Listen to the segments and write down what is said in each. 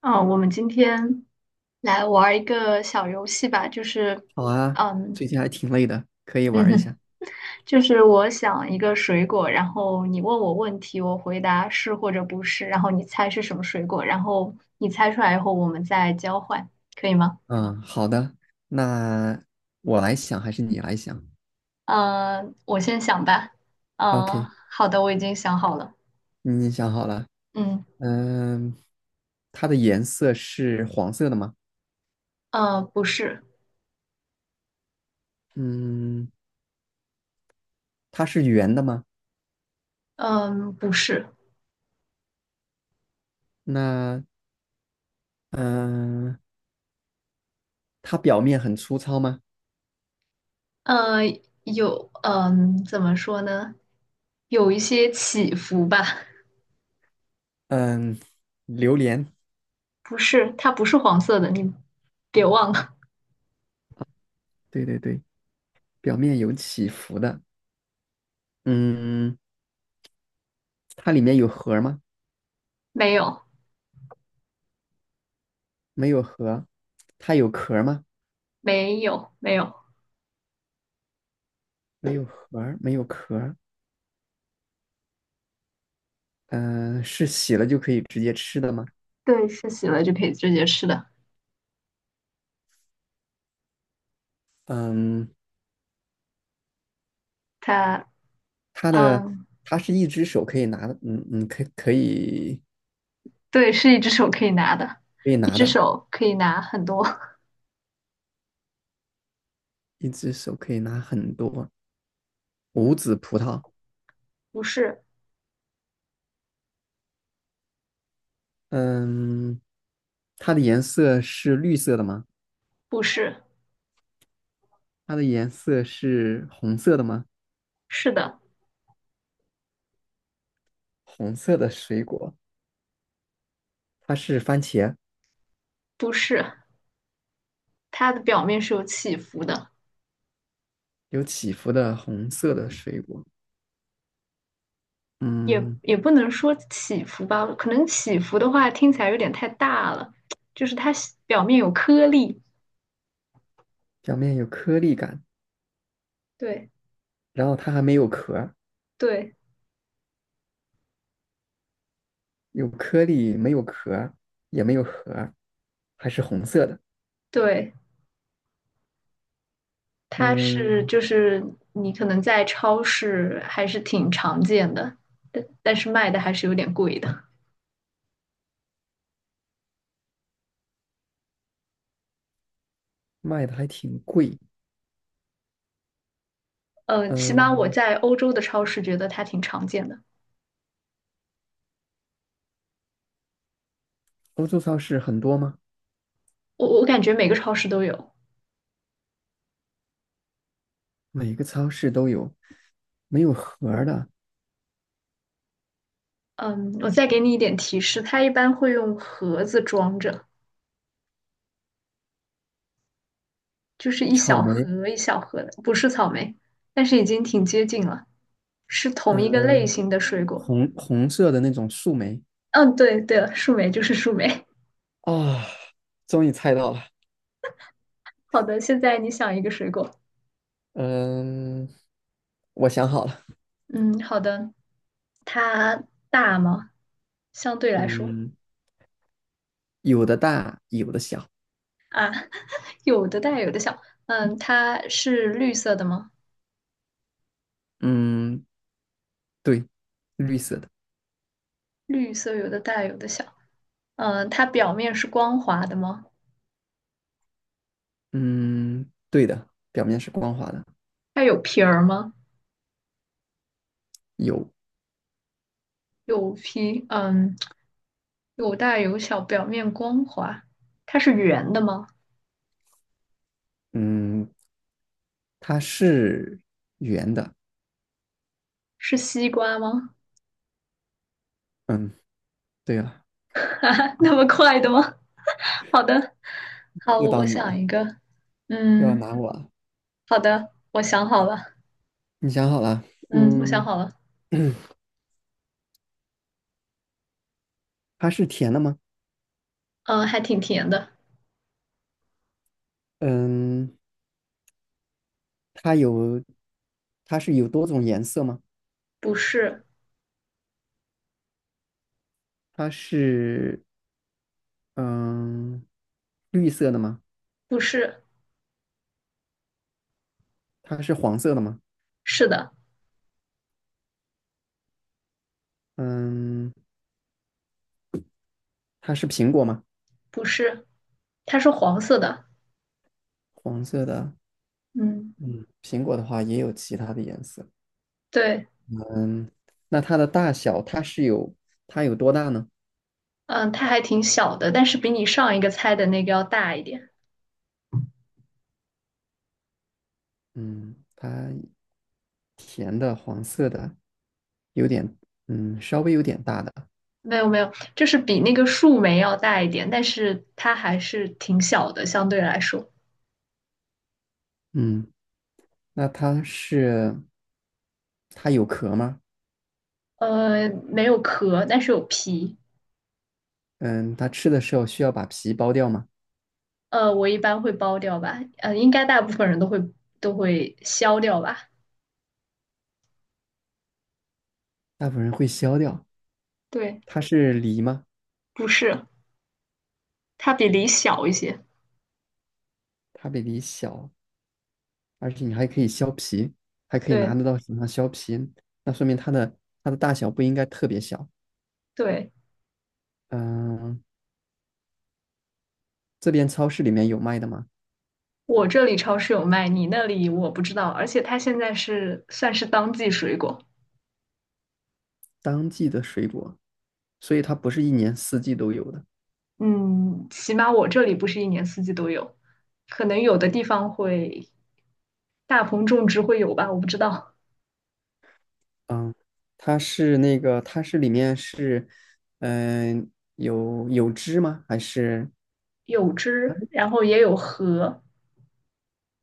嗯，我们今天来玩儿一个小游戏吧，就是，好啊，嗯 最近还挺累的，可以 嗯玩一哼，下。就是我想一个水果，然后你问我问题，我回答是或者不是，然后你猜是什么水果，然后你猜出来以后我们再交换，可以吗？嗯，好的，那我来想还是你来想嗯，我先想吧。？OK，嗯，好的，我已经想好了。你想好了。嗯，嗯，它的颜色是黄色的吗？不是，嗯，它是圆的吗？嗯，不是，那嗯，它表面很粗糙吗？呃，有，嗯，怎么说呢？有一些起伏吧。嗯，榴莲，不是，它不是黄色的，你别忘了，对对对，表面有起伏的。嗯，它里面有核儿吗？没有，没有核。它有壳儿吗？没有，没有，没有核儿没有壳儿嗯、是洗了就可以直接吃的吗？对，是洗了就可以直接吃的。嗯，它，它的嗯，它是一只手可以拿的，嗯嗯，可以可以对，是一只手可以拿的，可以一拿只的，手可以拿很多。一只手可以拿很多无籽葡萄。不是，嗯，它的颜色是绿色的吗？不是，它的颜色是红色的吗？是的，红色的水果，它是番茄，不是，它的表面是有起伏的，有起伏的红色的水果。也嗯，也不能说起伏吧，可能起伏的话听起来有点太大了，就是它表面有颗粒。表面有颗粒感，对，然后它还没有壳。对，有颗粒，没有壳，也没有核，还是红色的。对。它是嗯，就是你可能在超市还是挺常见的，但是卖的还是有点贵的。卖的还挺贵。嗯，起码我嗯，在欧洲的超市觉得它挺常见的，欧洲超市很多吗？我感觉每个超市都有。每个超市都有。没有核儿的嗯，我再给你一点提示，它一般会用盒子装着，就是一草小莓，盒一小盒的，不是草莓，但是已经挺接近了，是同一个类嗯，型的水果。红红色的那种树莓嗯，对，对了，树莓就是树莓。啊，终于猜到了。好的，现在你想一个水果。嗯，我想好了。嗯，好的，它大吗？相对来说嗯，有的大，有的小。啊，有的大有的小。嗯，它是绿色的吗？嗯，对，绿色的。绿色有的大有的小。嗯，它表面是光滑的吗？嗯，对的，表面是光滑的。它有皮儿吗？有，有皮，嗯，有大有小，表面光滑。它是圆的吗？嗯，它是圆的。是西瓜吗？嗯，对了，哈哈，那么快的吗？好的，好，又我到你想了，一个。又要嗯，拿我了。好的，我想好了。你想好了？嗯，我想嗯，好了。它是甜的吗？嗯，还挺甜的。嗯，它有，它是有多种颜色吗？不是，它是，嗯，绿色的吗？不是，它是黄色的吗？是的。嗯，它是苹果吗？不是，它是黄色的。黄色的，嗯，嗯，苹果的话也有其他的颜色。对，嗯，那它的大小，它有多大呢？嗯，它还挺小的，但是比你上一个猜的那个要大一点。嗯，它甜的黄色的，有点嗯，稍微有点大的，没有没有，就是比那个树莓要大一点，但是它还是挺小的，相对来说。嗯，那它有壳吗？没有壳，但是有皮。嗯，它吃的时候需要把皮剥掉吗？我一般会剥掉吧。应该大部分人都会削掉吧。大部分人会削掉。对，它是梨吗？不是，它比梨小一些。它比梨小，而且你还可以削皮，还可以拿对，得到手上削皮，那说明它的大小不应该特别小。对。嗯，这边超市里面有卖的吗？我这里超市有卖，你那里我不知道。而且它现在是算是当季水果，当季的水果，所以它不是一年四季都有的。嗯，起码我这里不是一年四季都有，可能有的地方会大棚种植会有吧，我不知道。嗯，它是那个，它是里面是，嗯、有汁吗？还是有枝，然后也有核，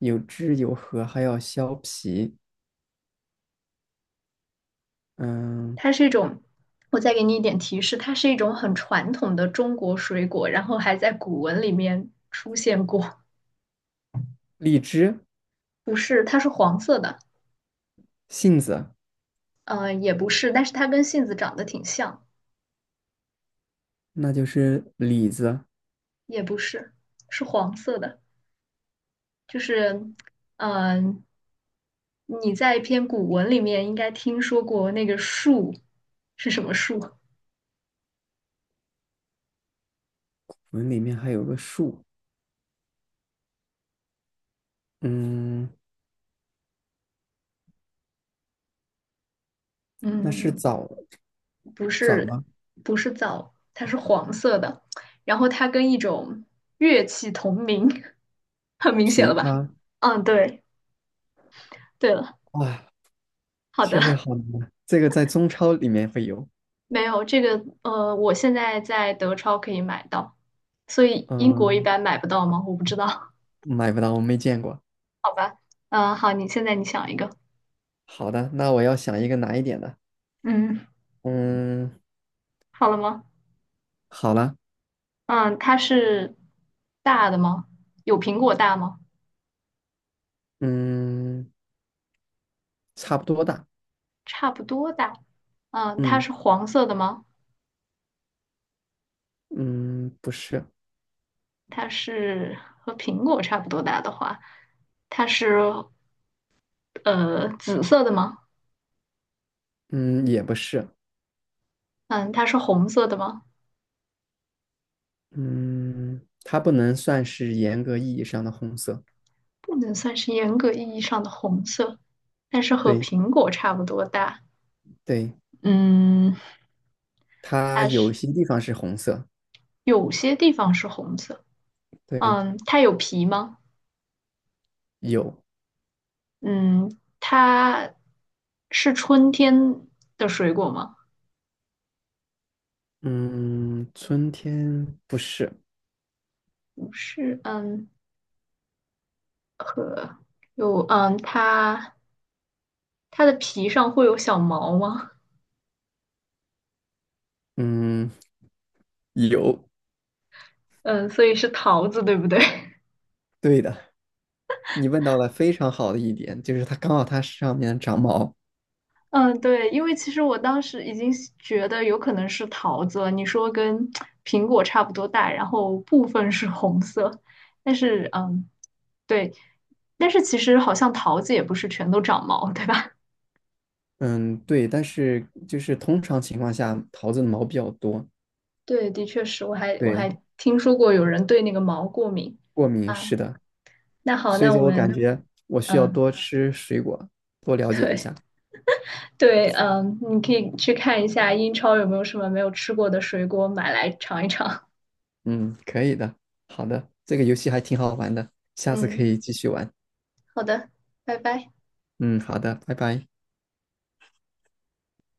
有汁有核，还要削皮？嗯，它是一种，我再给你一点提示，它是一种很传统的中国水果，然后还在古文里面出现过。荔枝、不是，它是黄色的，杏子，也不是，但是它跟杏子长得挺像，那就是李子。也不是，是黄色的。就是，嗯、你在一篇古文里面应该听说过那个树是什么树？我们里面还有个树，嗯，那是嗯，枣不枣是，吗？不是枣，它是黄色的，然后它跟一种乐器同名，很明显了枇吧？杷，嗯，对，对了，哇，好确实的，好难啊。这个在中超里面会有，没有这个，我现在在德超可以买到，所以英国一嗯，般买不到吗？我不知道，买不到，我没见过。好吧，好，你现在你想一个，好的，那我要想一个难一点的。嗯，嗯，好了吗？好了，嗯，它是大的吗？有苹果大吗？嗯。差不多大。差不多大。嗯，它嗯是黄色的吗？嗯，不是，它是和苹果差不多大的话，它是紫色的吗？嗯也不是，嗯，它是红色的吗？嗯，它不能算是严格意义上的红色。不能算是严格意义上的红色，但是和对苹果差不多大。对，嗯，它它有是些地方是红色。有些地方是红色。对，嗯，它有皮吗？有，嗯，它是春天的水果吗？嗯，春天不是，不是可有，它的皮上会有小毛吗？嗯，有，嗯，所以是桃子，对不对？对的，你问到了非常好的一点，就是它刚好它上面长毛。嗯，对，因为其实我当时已经觉得有可能是桃子了。你说跟苹果差不多大，然后部分是红色，但是对，但是其实好像桃子也不是全都长毛，对吧？嗯，对，但是就是通常情况下，桃子的毛比较多。对，的确是，我还我对，还听说过有人对那个毛过敏过敏啊。是的。那好，所以那我说我感们觉我需要嗯，多吃水果，多了 解一对。下。对，你可以去看一下英超有没有什么没有吃过的水果，买来尝一尝。嗯，可以的，好的，这个游戏还挺好玩的，下次可嗯，以继续玩。好的，拜拜。嗯，好的，拜拜。